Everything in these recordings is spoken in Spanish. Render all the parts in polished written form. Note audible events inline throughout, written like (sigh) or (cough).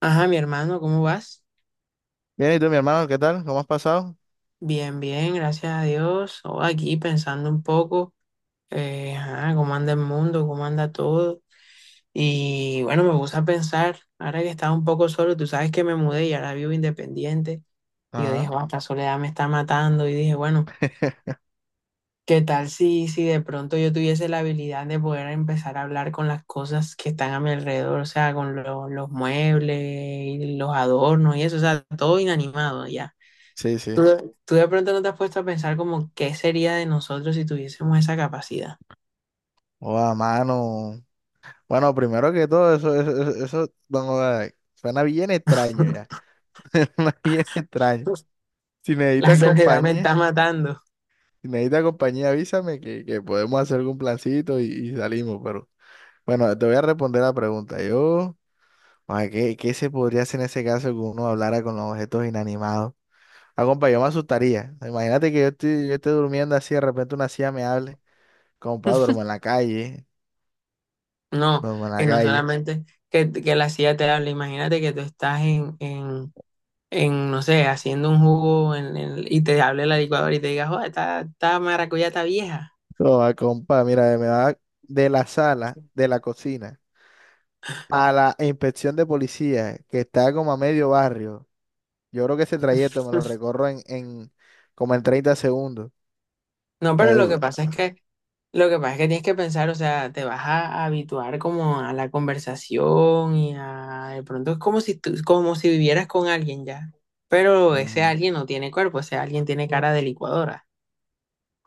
Ajá, mi hermano, ¿cómo vas? Bien, ¿y tú, mi hermano? ¿Qué tal? ¿Cómo has pasado? Bien, bien, gracias a Dios. Oh, aquí pensando un poco, ajá, cómo anda el mundo, cómo anda todo. Y bueno, me puse a pensar, ahora que estaba un poco solo, tú sabes que me mudé y ahora vivo independiente. Y yo dije, Ajá. "Guau, esta soledad me está matando". Y dije, bueno, (laughs) ¿qué tal si de pronto yo tuviese la habilidad de poder empezar a hablar con las cosas que están a mi alrededor? O sea, con los muebles, y los adornos y eso, o sea, todo inanimado ya. Sí, Tú sí. de, tú de pronto no te has puesto a pensar como qué sería de nosotros si tuviésemos esa capacidad. A mano. Bueno, primero que todo, eso, don Oda, suena bien extraño ya. (laughs) (laughs) Suena bien extraño. Si La necesitas soledad me está compañía, matando. si necesitas compañía, avísame que podemos hacer algún plancito y salimos, pero. Bueno, te voy a responder la pregunta. Yo, ¿qué se podría hacer en ese caso que uno hablara con los objetos inanimados? Ah, compa, yo me asustaría. Imagínate que yo estoy, yo esté durmiendo así, de repente una silla me hable. Compa, duermo en la calle, No, duermo en y la no calle. solamente que la silla te habla, imagínate que tú estás en, no sé, haciendo un jugo y te hable la licuadora y te diga, joder, esta maracuyá está vieja. Toma, compa, mira, me va de la sala, de la cocina, a la inspección de policía, que está como a medio barrio. Yo creo que ese trayecto me lo recorro en como en 30 segundos. No, pero lo Eh, que pasa es que, lo que pasa es que tienes que pensar, o sea, te vas a habituar como a la conversación y a, de pronto es como si tú, como si vivieras con alguien ya. Pero ese Ujú. alguien no tiene cuerpo, ese alguien tiene cara de licuadora.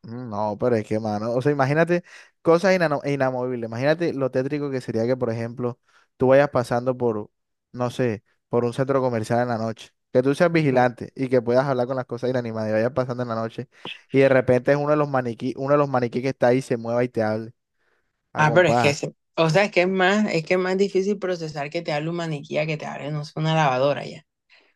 No, pero es que, mano, o sea, imagínate cosas inamovibles. Imagínate lo tétrico que sería que, por ejemplo, tú vayas pasando por, no sé, por un centro comercial en la noche, que tú seas Ujú. vigilante y que puedas hablar con las cosas inanimadas y vayas pasando en la noche y de repente es uno de los maniquí, uno de los maniquí que está ahí se mueva y te hable, a. Ah, pero es que, o sea, es que es más difícil procesar que te hable un maniquí a que te hable, no sé, una lavadora ya.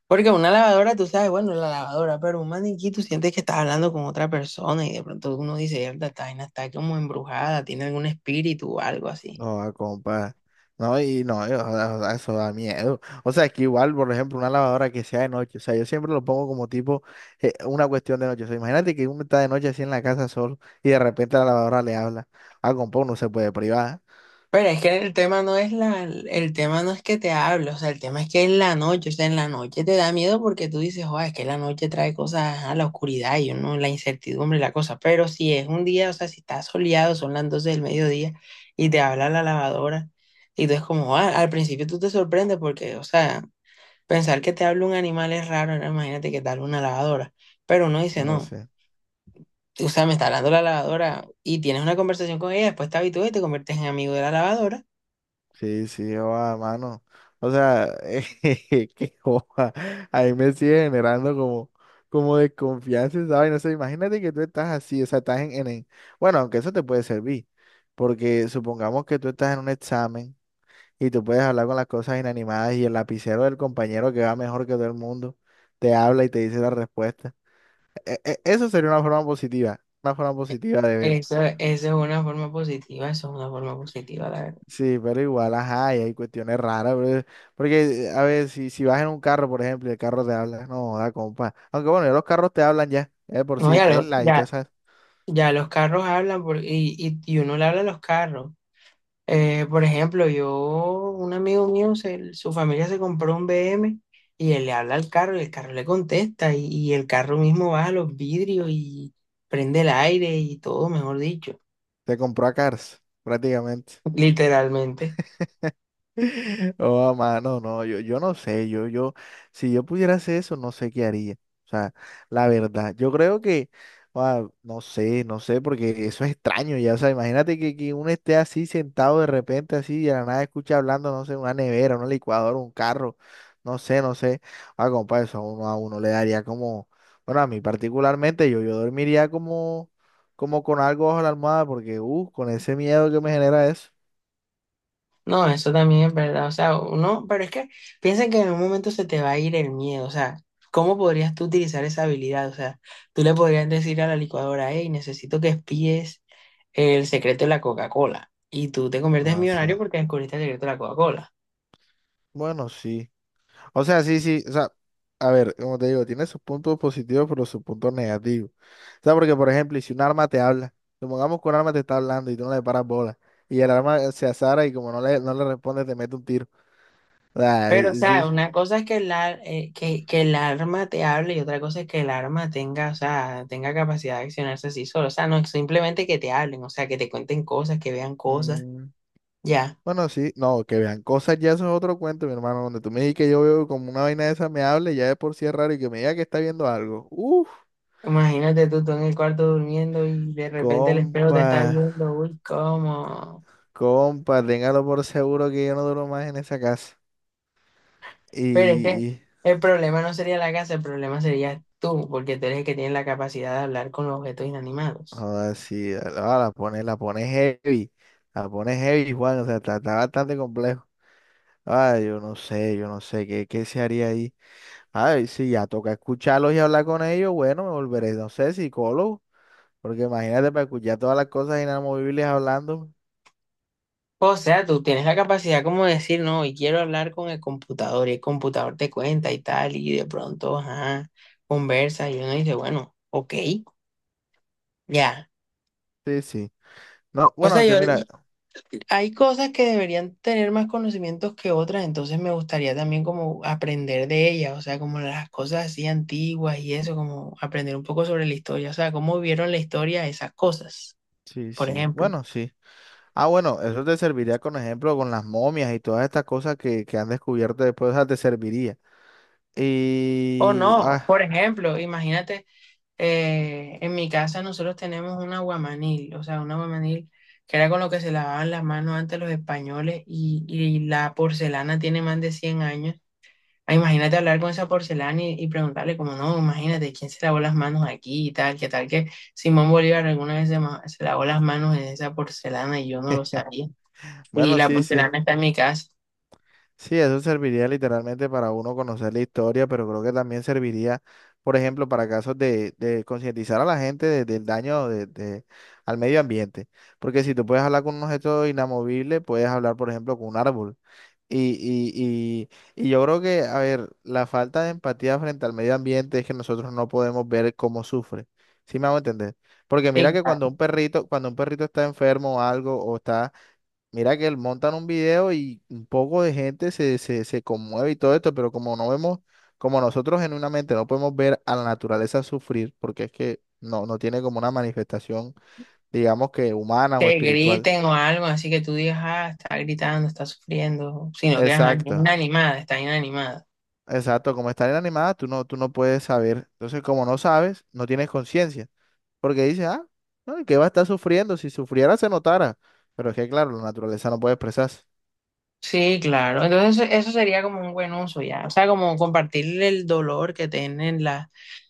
Porque una lavadora, tú sabes, bueno, la lavadora, pero un maniquí, tú sientes que estás hablando con otra persona y de pronto uno dice, "Mierda, esta vaina está como embrujada, tiene algún espíritu o algo así". No, ah, compa. No, y no, o sea, eso da miedo. O sea, es que igual, por ejemplo, una lavadora que sea de noche. O sea, yo siempre lo pongo como tipo una cuestión de noche. O sea, imagínate que uno está de noche así en la casa solo y de repente la lavadora le habla. Ah, compa, uno se puede privar. Pero es que el tema no es que te hable, o sea, el tema es que es la noche, o sea, en la noche te da miedo porque tú dices, joder, es que la noche trae cosas a la oscuridad y uno, la incertidumbre y la cosa. Pero si es un día, o sea, si está soleado, son las 12 del mediodía y te habla la lavadora. Y tú es como, ah, al principio tú te sorprendes porque, o sea, pensar que te habla un animal es raro, ahora imagínate que te habla una lavadora. Pero uno dice, No lo no, sé. o sea, me está hablando la lavadora y tienes una conversación con ella, después te habitúas y te conviertes en amigo de la lavadora. Sí, sí, joda, mano. O sea, (laughs) qué joda. Ahí me sigue generando como, como desconfianza, ¿sabes? No sé, imagínate que tú estás así, o sea, estás bueno, aunque eso te puede servir, porque supongamos que tú estás en un examen y tú puedes hablar con las cosas inanimadas y el lapicero del compañero que va mejor que todo el mundo te habla y te dice la respuesta. Eso sería una forma positiva de verlo. Eso es una forma positiva, eso es una forma positiva, la verdad. Sí, pero igual, ajá, y hay cuestiones raras, pero porque, a ver, si, si vas en un carro, por ejemplo, y el carro te habla, no, da compa. Aunque bueno, ya los carros te hablan ya, es por No, si ya, lo- Tesla y todas ya, esas, ya los carros hablan y uno le habla a los carros. Por ejemplo, un amigo mío, su familia se compró un BM y él le habla al carro y el carro le contesta y el carro mismo baja los vidrios y prende el aire y todo, mejor dicho, te compró a Cars, prácticamente. (laughs) literalmente. (laughs) Oh, mano, no, yo no sé, si yo pudiera hacer eso, no sé qué haría. O sea, la verdad, yo creo que, no sé, no sé, porque eso es extraño ya. O sea, imagínate que uno esté así sentado de repente, así, y de la nada escucha hablando, no sé, una nevera, una licuadora, un carro, no sé, no sé. Ah, compa, eso a uno le daría como, bueno, a mí particularmente, yo dormiría como, como con algo bajo la almohada, porque, con ese miedo que me genera eso. No, eso también es verdad, o sea, uno, pero es que piensa que en un momento se te va a ir el miedo, o sea, ¿cómo podrías tú utilizar esa habilidad? O sea, tú le podrías decir a la licuadora, hey, necesito que espíes el secreto de la Coca-Cola y tú te conviertes en Ah, sí. millonario porque descubriste el secreto de la Coca-Cola. Bueno, sí. O sea, sí, sí, o sea, a ver, como te digo, tiene sus puntos positivos, pero sus puntos negativos. O sea, porque, por ejemplo, y si un arma te habla, supongamos que un arma te está hablando y tú no le paras bola, y el arma se azara y como no le, no le responde, te mete un tiro. O sea, Pero, o sea, sí. una cosa es que que el arma te hable y otra cosa es que el arma tenga, o sea, tenga capacidad de accionarse así solo. O sea, no es simplemente que te hablen, o sea, que te cuenten cosas, que vean cosas. mm, Ya, bueno, sí, no, que vean cosas, ya eso es otro cuento, mi hermano, donde tú me digas que yo veo como una vaina de esa me hable, ya de por sí es raro, y que me diga que está viendo algo. Uf, imagínate tú en el cuarto durmiendo y de repente el espejo te está compa, viendo, uy, ¿cómo? compa, téngalo por seguro que yo no duro más en esa casa. Pero es que Y, el problema no sería la casa, el problema sería tú, porque tú eres el que tiene la capacidad de hablar con los objetos inanimados. joda, sí, la pone heavy, Juan, o sea, está, está bastante complejo. Ah, yo no sé, ¿qué se haría ahí? Ay, sí, ya toca escucharlos y hablar con ellos, bueno, me volveré, no sé, psicólogo, porque imagínate para escuchar todas las cosas inamovibles hablando. O sea, tú tienes la capacidad como de decir, no, y quiero hablar con el computador, y el computador te cuenta y tal, y de pronto, ajá, conversa, y uno dice, bueno, ok, ya. Sí, sí. No, O sea, bueno, que mira, hay cosas que deberían tener más conocimientos que otras, entonces me gustaría también como aprender de ellas, o sea, como las cosas así antiguas y eso, como aprender un poco sobre la historia, o sea, cómo vieron la historia esas cosas, sí, por sí, ejemplo. bueno, sí. Ah, bueno, eso te serviría con ejemplo con las momias y todas estas cosas que han descubierto después, o sea, te serviría. O Y, no, por ejemplo, imagínate. En mi casa nosotros tenemos un aguamanil, o sea, un aguamanil que era con lo que se lavaban las manos antes los españoles y la porcelana tiene más de 100 años. Ah, imagínate hablar con esa porcelana y preguntarle como, no, imagínate, ¿quién se lavó las manos aquí y tal? ¿Qué tal que Simón Bolívar alguna vez se lavó las manos en esa porcelana y yo no lo sabía? Y bueno, la sí, sí. porcelana está en mi casa. Sí, eso serviría literalmente para uno conocer la historia, pero creo que también serviría, por ejemplo, para casos de concientizar a la gente del daño de al medio ambiente. Porque si tú puedes hablar con un objeto inamovible, puedes hablar, por ejemplo, con un árbol. Y, y, y yo creo que, a ver, la falta de empatía frente al medio ambiente es que nosotros no podemos ver cómo sufre. ¿Sí me hago entender? Porque mira Y que claro, cuando un perrito está enfermo o algo, o está, mira que él montan un video y un poco de gente se, se, se conmueve y todo esto, pero como no vemos, como nosotros genuinamente no podemos ver a la naturaleza sufrir, porque es que no, no tiene como una manifestación, digamos que humana o que espiritual. griten o algo, así que tú digas, ah, está gritando, está sufriendo, sino que ajá, es Exacto, inanimada, está inanimada. exacto. Como está inanimada, tú no puedes saber. Entonces, como no sabes, no tienes conciencia, porque dices, ah, no, ¿y ¿qué va a estar sufriendo? Si sufriera, se notara. Pero es que, claro, la naturaleza no puede expresarse. Sí, claro. Entonces eso sería como un buen uso ya. O sea, como compartir el dolor que tienen las...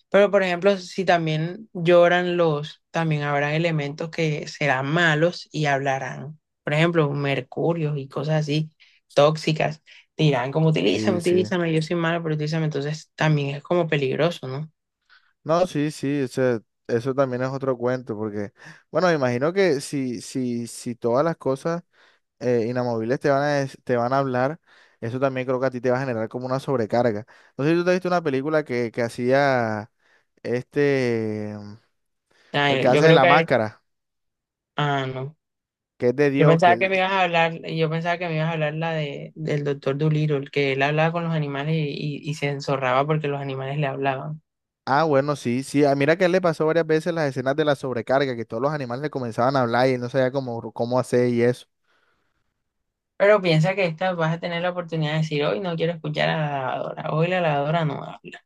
Pero por ejemplo, si también lloran también habrá elementos que serán malos y hablarán. Por ejemplo, mercurios y cosas así, tóxicas. Dirán como utilízame, Sí, sí. utilízame, yo soy malo, pero utilízame. Entonces también es como peligroso, ¿no? No, sí, sí, o sea, eso también es otro cuento, porque, bueno, me imagino que si todas las cosas inamovibles te van a, te van a hablar, eso también creo que a ti te va a generar como una sobrecarga. No sé si tú te has visto una película que hacía este, Ah, el que yo hace de creo la que... máscara, Ah, no. que es de Yo Dios, que pensaba que él, me ibas a hablar, yo pensaba que me ibas a hablar del doctor Dolittle, que él hablaba con los animales y se enzorraba porque los animales le hablaban. Bueno, sí, sí, mira que a él le pasó varias veces las escenas de la sobrecarga, que todos los animales le comenzaban a hablar y él no sabía cómo, cómo hacer y eso. Pero piensa que esta vas a tener la oportunidad de decir, hoy no quiero escuchar a la lavadora, hoy la lavadora no habla.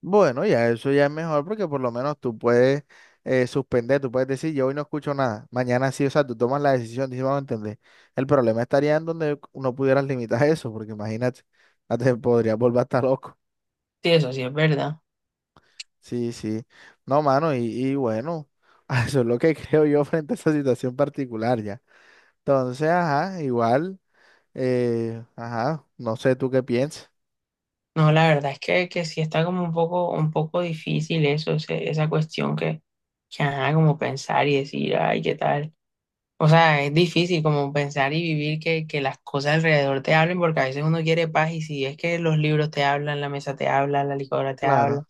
Bueno, ya eso ya es mejor porque por lo menos tú puedes suspender, tú puedes decir, yo hoy no escucho nada, mañana sí, o sea, tú tomas la decisión, dices, vamos a entender. El problema estaría en donde no pudieras limitar eso, porque imagínate, (laughs) hasta te podrías volver hasta loco. Sí, eso sí es verdad. Sí, sí. No, mano, y bueno, (laughs) eso es lo que (laughs) creo yo frente a esa situación particular ya. Entonces, ajá, igual, ajá, no sé tú qué piensas. No, la verdad es que, sí está como un poco difícil eso, esa cuestión que ajá, como pensar y decir, ay, ¿qué tal? O sea, es difícil como pensar y vivir que las cosas alrededor te hablen, porque a veces uno quiere paz y si es que los libros te hablan, la mesa te habla, la licuadora te habla, Claro.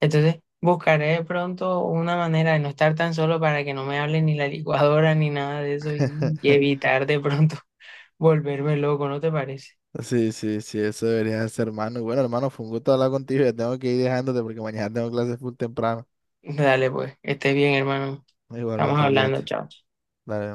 entonces buscaré de pronto una manera de no estar tan solo para que no me hable ni la licuadora ni nada de eso y (laughs) evitar de pronto (laughs) volverme loco, ¿no te parece? Sí, sí, sí, eso debería ser, hermano. Y bueno, hermano, fue un gusto hablar contigo. Ya tengo que ir dejándote porque mañana tengo clases full temprano. Dale pues, estés bien, hermano. Estamos Igualmente, cuídate. hablando, chao. Dale.